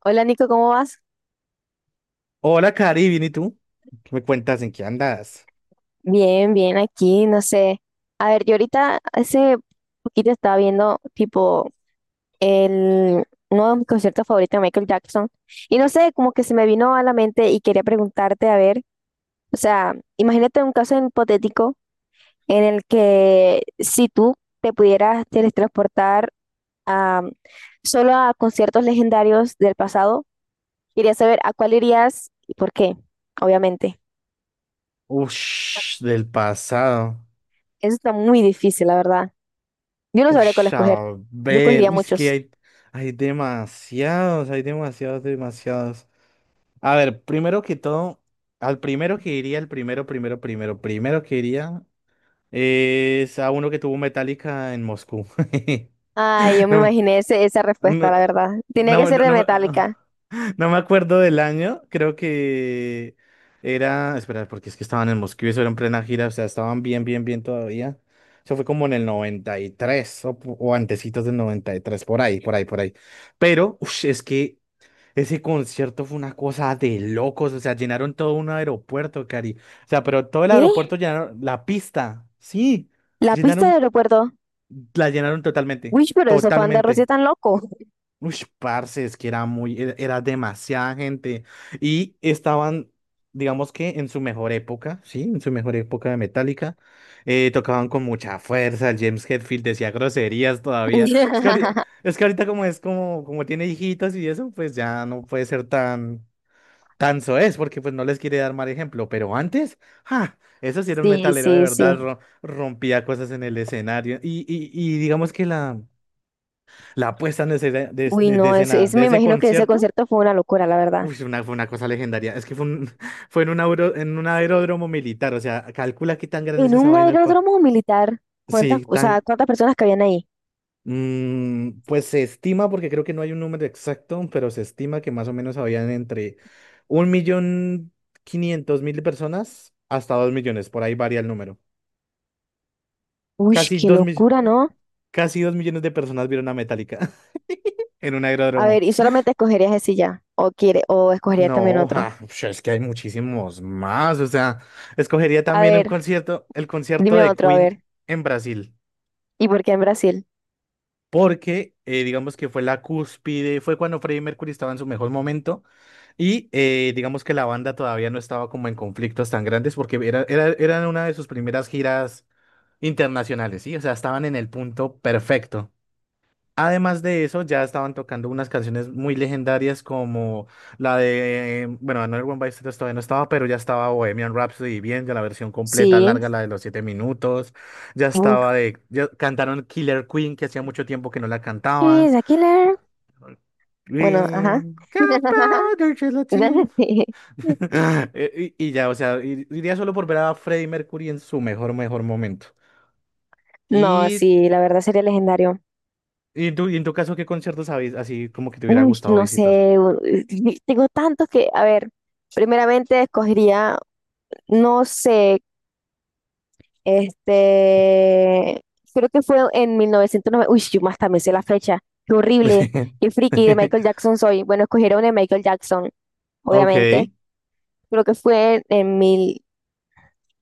Hola Nico, ¿cómo vas? Hola, Cari, bien, ¿y tú? ¿Qué me cuentas en qué andas? Bien, bien, aquí, no sé. A ver, yo ahorita hace poquito estaba viendo tipo el, uno de mis conciertos favoritos de Michael Jackson y no sé, como que se me vino a la mente y quería preguntarte, a ver, o sea, imagínate un caso hipotético en el que si tú te pudieras teletransportar a, solo a conciertos legendarios del pasado, quería saber a cuál irías y por qué, obviamente. Ush, del pasado. Eso está muy difícil, la verdad. Yo no sabría cuál Ush, escoger. a Yo ver. escogería Uy, es que muchos. hay, hay demasiados, hay demasiados. A ver, primero que todo, al primero que iría, el primero que iría es a uno que tuvo Metallica en Moscú. Ay, yo me No, imaginé esa No, respuesta, la verdad. Tenía que no, no, ser de no me Metallica. no me acuerdo del año, creo que era, espera, porque es que estaban en Moscú y eso era en plena gira, o sea, estaban bien, bien, bien todavía. Eso fue como en el 93 o, o antecitos del 93, por ahí, por ahí, por ahí. Pero, ush, es que ese concierto fue una cosa de locos, o sea, llenaron todo un aeropuerto, Cari. O sea, pero todo el ¿Qué? aeropuerto llenaron, la pista, sí, La pista del llenaron, aeropuerto. la llenaron totalmente, Uy, pero esos fans de Rosy totalmente. tan loco. Uy, parce, es que era demasiada gente. Y estaban, digamos que en su mejor época, sí, en su mejor época de Metallica, tocaban con mucha fuerza. El James Hetfield decía groserías todavía. Es que ahorita, es que ahorita como como tiene hijitos y eso, pues ya no puede ser tan, tan soez, porque pues no les quiere dar mal ejemplo. Pero antes, ¡ja! Eso sí era un Sí, metalero de sí, verdad, sí. Rompía cosas en el escenario. Y digamos que la. La puesta en escena de, Uy, de- de no, ese, escena ese de me ese imagino que ese concierto, concierto fue una locura, la verdad. uy, una, fue una cosa legendaria. Es que fue, fue en un, en un aeródromo militar, o sea, calcula qué tan grande es En esa un vaina. Aeródromo militar, ¿cuántas, Sí, o sea, tan... cuántas personas cabían ahí? Pues se estima, porque creo que no hay un número exacto, pero se estima que más o menos habían entre 1.500.000 personas hasta 2.000.000, por ahí varía el número. Uy, Casi qué dos mil- locura, ¿no? Casi 2.000.000 de personas vieron a Metallica en un A ver, aeródromo. y solamente escogerías ese ya, o quiere, o escogerías también No, otro. ja, pues es que hay muchísimos más. O sea, escogería A también un ver, concierto, el concierto dime de otro, a Queen ver. en Brasil, ¿Y por qué en Brasil? porque digamos que fue la cúspide, fue cuando Freddie Mercury estaba en su mejor momento y digamos que la banda todavía no estaba como en conflictos tan grandes porque eran una de sus primeras giras internacionales, ¿sí? O sea, estaban en el punto perfecto. Además de eso, ya estaban tocando unas canciones muy legendarias como la de, bueno, Another One Bites the Dust todavía no estaba, pero ya estaba Bohemian Rhapsody bien, ya la versión completa, Sí. larga, la de los 7 minutos, ya estaba de, ya cantaron Killer Queen, que hacía mucho tiempo que no la cantaban. She's a killer. Bueno, ajá. Green, Gunpowder Gelatin. Sí. Y ya, o sea, iría solo por ver a Freddie Mercury en su mejor, mejor momento. No, Y, sí, la verdad sería legendario. y en tu caso, ¿qué conciertos habéis así como que te hubiera Uy, gustado no visitar? sé, tengo tantos que, a ver, primeramente escogería, no sé, este, creo que fue en 1990, uy, yo más también sé la fecha, qué horrible, qué friki de Michael Jackson soy. Bueno, escogiera una de Michael Jackson, Ok, obviamente, creo que fue en mil.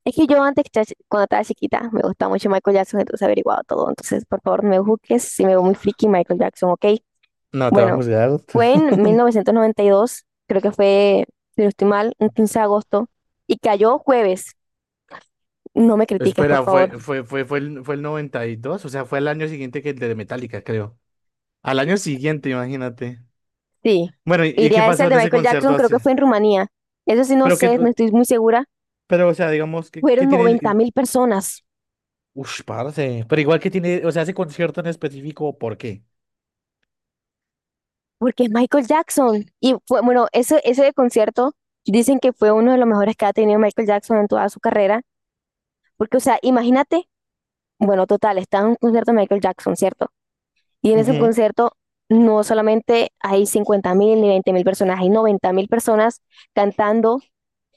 Es que yo antes, cuando estaba chiquita, me gustaba mucho Michael Jackson, entonces he averiguado todo. Entonces, por favor, no me juzgues si me veo muy friki Michael Jackson, ¿ok? no te va a Bueno, juzgar. fue en 1992 creo que fue, si no estoy mal, un 15 de agosto, y cayó jueves. No me critiques, por Espera, favor. fue el 92, o sea, fue al año siguiente que el de Metallica, creo. Al año siguiente, imagínate. Sí, Bueno, ¿y qué iría ese pasó el de en ese Michael Jackson, concierto creo así? que fue en Rumanía. Eso sí, no Pero que, sé, no estoy muy segura. pero, o sea, digamos, ¿qué Fueron noventa tiene? mil personas, Ush, parce. Pero igual que tiene, o sea, ese concierto en específico, ¿por qué? porque es Michael Jackson. Y fue, bueno, ese concierto dicen que fue uno de los mejores que ha tenido Michael Jackson en toda su carrera. Porque, o sea, imagínate, bueno, total, está en un concierto de Michael Jackson, ¿cierto? Y en ese concierto no solamente hay 50 mil ni 20 mil personas, hay 90 mil personas cantando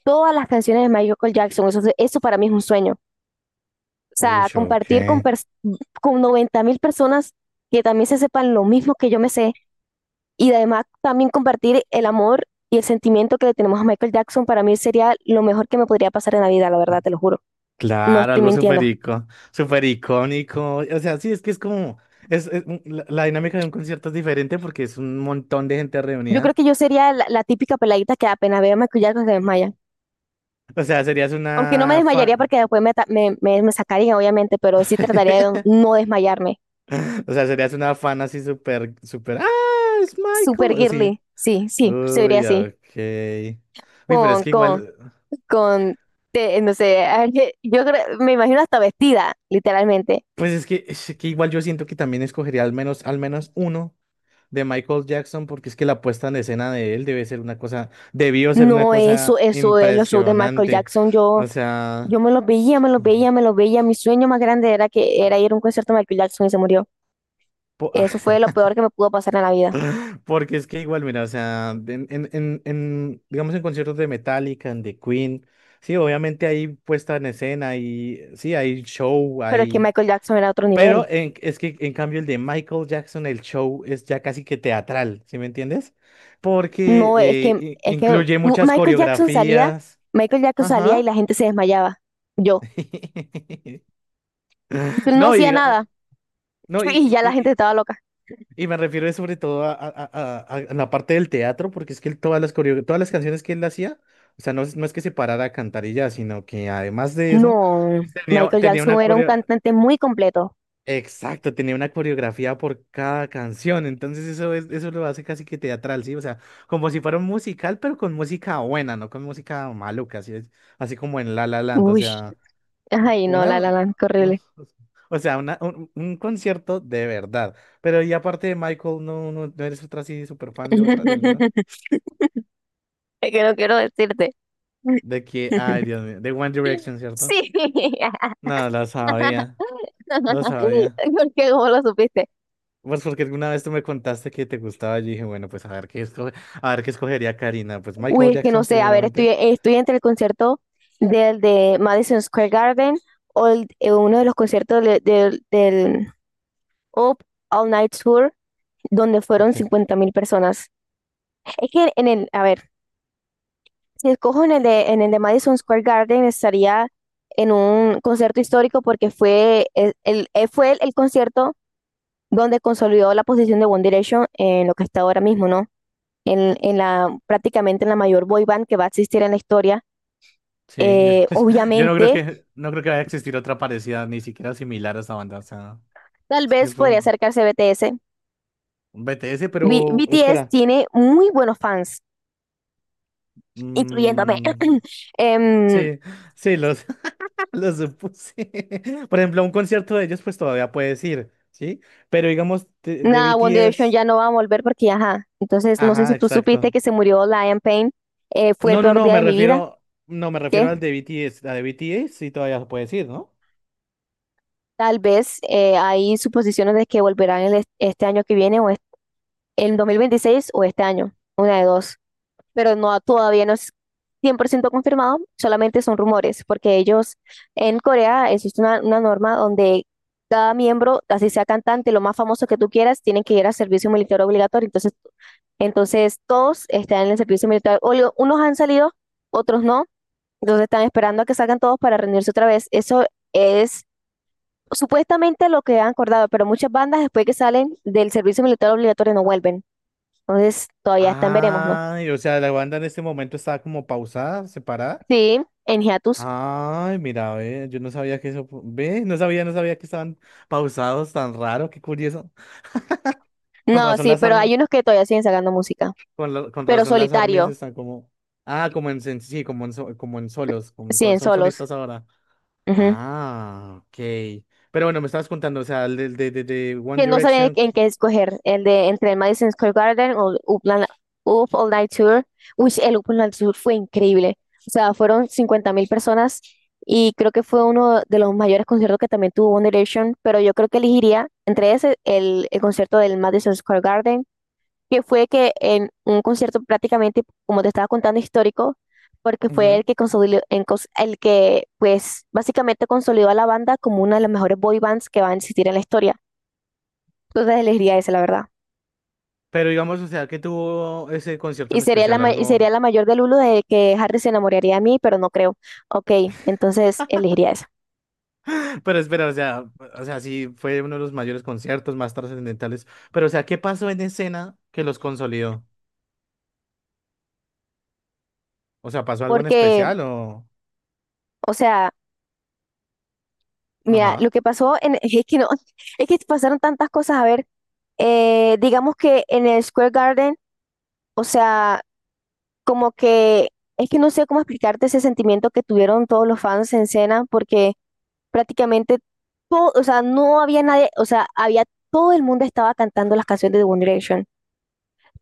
todas las canciones de Michael Jackson. Eso para mí es un sueño. O Ujú. sea, Ush, ok. compartir con, con 90 mil personas que también se sepan lo mismo que yo me sé y además también compartir el amor y el sentimiento que le tenemos a Michael Jackson para mí sería lo mejor que me podría pasar en la vida, la verdad, te lo juro. No Claro, estoy algo mintiendo. Súper icónico. O sea, sí, es que es como, es, la, la dinámica de un concierto es diferente porque es un montón de gente Yo creo reunida. que yo sería la, la típica peladita que apenas veo maquillaje se desmaya. O sea, serías Aunque no me una desmayaría fan. porque me sacarían, obviamente, pero sí trataría de no desmayarme. O sea, serías una fan así súper, súper. ¡Ah! Es Super Michael. Así. girly. Sí, sí, sería Uy, así. ok. Uy, pero es Con, que con, igual, con, no sé, me imagino hasta vestida, literalmente. pues es que igual yo siento que también escogería al menos uno de Michael Jackson, porque es que la puesta en escena de él debe ser una cosa, debió ser una No, eso, cosa eso es los shows de Michael impresionante. Jackson. Yo, O sea, me los veía. Mi sueño más grande era que era ir a un concierto de Michael Jackson y se murió. po- Eso fue lo peor que me pudo pasar en la vida. porque es que igual, mira, o sea, digamos en conciertos de Metallica, en The Queen, sí, obviamente hay puesta en escena y sí, hay show, Pero es que hay... Michael Jackson era otro nivel. Es que en cambio el de Michael Jackson, el show es ya casi que teatral, ¿sí me entiendes? Porque No, es que incluye muchas coreografías. Michael Jackson salía y Ajá. la gente se desmayaba. Yo. Yo no No, y hacía diga- nada no, y ya la gente estaba loca. y me refiero sobre todo a, a la parte del teatro, porque es que él todas las todas las canciones que él hacía, o sea, no, no es que se parara a cantar y ya, sino que además de eso, No, Michael tenía Jackson una era un coreo, cantante muy completo. exacto, tenía una coreografía por cada canción. Entonces eso lo hace casi que teatral, sí, o sea, como si fuera un musical, pero con música buena, no con música maluca, así es, así como en La La Land, o Uy, sea. ay, no, la Una, la la, qué horrible. Un concierto de verdad. Pero y aparte de Michael, no eres otra así súper fan de otra, de alguna. Es que no quiero decirte. De que, ay, Dios mío, de One Direction, ¿cierto? Sí, No, lo sabía, lo sabía. porque cómo lo supiste. Pues porque alguna vez tú me contaste que te gustaba, yo dije, bueno, pues a ver qué escoge, a ver qué escogería Karina. Pues Michael Uy, es que no Jackson sé, a ver, estoy, primeramente. estoy entre el concierto del de Madison Square Garden o uno de los conciertos de, o All Night Tour, donde fueron Ok. 50.000 personas. Es que en el, a ver, si escojo en el de Madison Square Garden, estaría en un concierto histórico porque fue fue el concierto donde consolidó la posición de One Direction en lo que está ahora mismo, ¿no? Prácticamente en la mayor boy band que va a existir en la historia. Sí, yo, yo no creo Obviamente, que, no creo que vaya a existir otra parecida, ni siquiera similar a esta banda. O sea, tal es que vez fue podría un acercarse BTS. BTS, pero BTS espera. tiene muy buenos fans, incluyéndome. Mm, Em, sí, sí, los, los supuse. Por ejemplo, a un concierto de ellos, pues todavía puedes ir, ¿sí? Pero digamos, de Nada, One Direction BTS. ya no va a volver porque, ajá. Entonces, no sé si Ajá, tú supiste exacto. que se murió Liam Payne. Fue el peor No, día me de mi vida. refiero. No, me refiero ¿Qué? al de BTS. A de BTS sí todavía puedes ir, ¿no? Tal vez hay suposiciones de que volverán este año que viene o en 2026 o este año. Una de dos. Pero no, todavía no es 100% confirmado, solamente son rumores, porque ellos en Corea existe una norma donde cada miembro, así sea cantante, lo más famoso que tú quieras, tienen que ir a servicio militar obligatorio. Entonces todos están en el servicio militar obligatorio. Unos han salido, otros no. Entonces están esperando a que salgan todos para reunirse otra vez. Eso es supuestamente lo que han acordado, pero muchas bandas después que salen del servicio militar obligatorio no vuelven. Entonces todavía están, veremos, ¿no? Ay, o sea, la banda en este momento está como pausada, separada. Sí, en hiatus. Ay, mira, ve, yo no sabía que eso, ve, no sabía, no sabía que estaban pausados tan raro, qué curioso. Con No, razón sí, las pero armas, hay unos que todavía siguen sacando música, con pero razón las armas solitario, están como, ah, como en, sí, como en, como en solos, como en sol- siguen son solos. solistas ahora. Ujú. Ah, ok. Pero bueno, me estabas contando, o sea, el de One Que no saben Direction, en qué escoger, el de entre el Madison Square Garden o el Upland, Up All Night Tour. Uy, el Up All Night Tour fue increíble. O sea, fueron 50.000 personas y creo que fue uno de los mayores conciertos que también tuvo One Direction, pero yo creo que elegiría entre ese el concierto del Madison Square Garden que fue que en un concierto prácticamente, como te estaba contando, histórico, porque fue el ujú. que consolidó, el que pues básicamente consolidó a la banda como una de las mejores boy bands que va a existir en la historia. Entonces elegiría ese, la verdad. Pero digamos, o sea, que tuvo ese concierto Y en sería especial, y sería algo. la mayor del uno de que Harry se enamoraría de mí, pero no creo. Ok, entonces elegiría esa. Pero espera, o sea, sí fue uno de los mayores conciertos más trascendentales. Pero, o sea, ¿qué pasó en escena que los consolidó? O sea, ¿pasó algo en Porque, especial o...? o sea, mira, Ajá. lo que pasó en, es que no, es que pasaron tantas cosas. A ver, digamos que en el Square Garden, o sea, como que es que no sé cómo explicarte ese sentimiento que tuvieron todos los fans en cena, porque prácticamente todo, o sea, no había nadie, o sea, había todo el mundo estaba cantando las canciones de One Direction.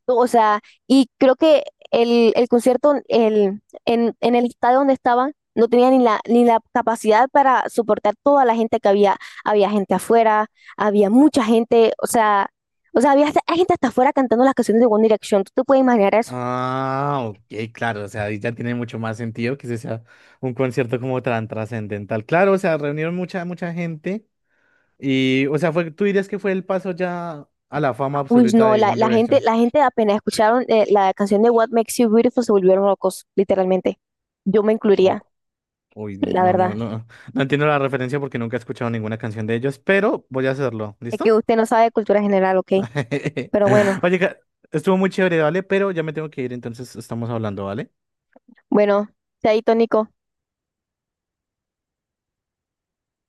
O sea, y creo que el concierto el, en el estadio donde estaban no tenía ni la, ni la capacidad para soportar toda la gente que había. Había gente afuera, había mucha gente, o sea, hay gente hasta afuera cantando las canciones de One Direction. ¿Tú te puedes imaginar eso? Ah, ok, claro, o sea, ahí ya tiene mucho más sentido que ese sea un concierto como tan trascendental. Claro, o sea, reunieron mucha, mucha gente y, o sea, fue, tú dirías que fue el paso ya a la fama Uy, absoluta no, de la, One Direction. la gente apenas escucharon la canción de What Makes You Beautiful se volvieron locos, literalmente. Yo me Oh, incluiría, uy, la verdad. No entiendo la referencia porque nunca he escuchado ninguna canción de ellos, pero voy a hacerlo, Es que ¿listo? usted no sabe de cultura general, ¿ok? Pero bueno, Oye, estuvo muy chévere, ¿vale? Pero ya me tengo que ir, entonces estamos hablando, ¿vale? bueno, chaito, Nico.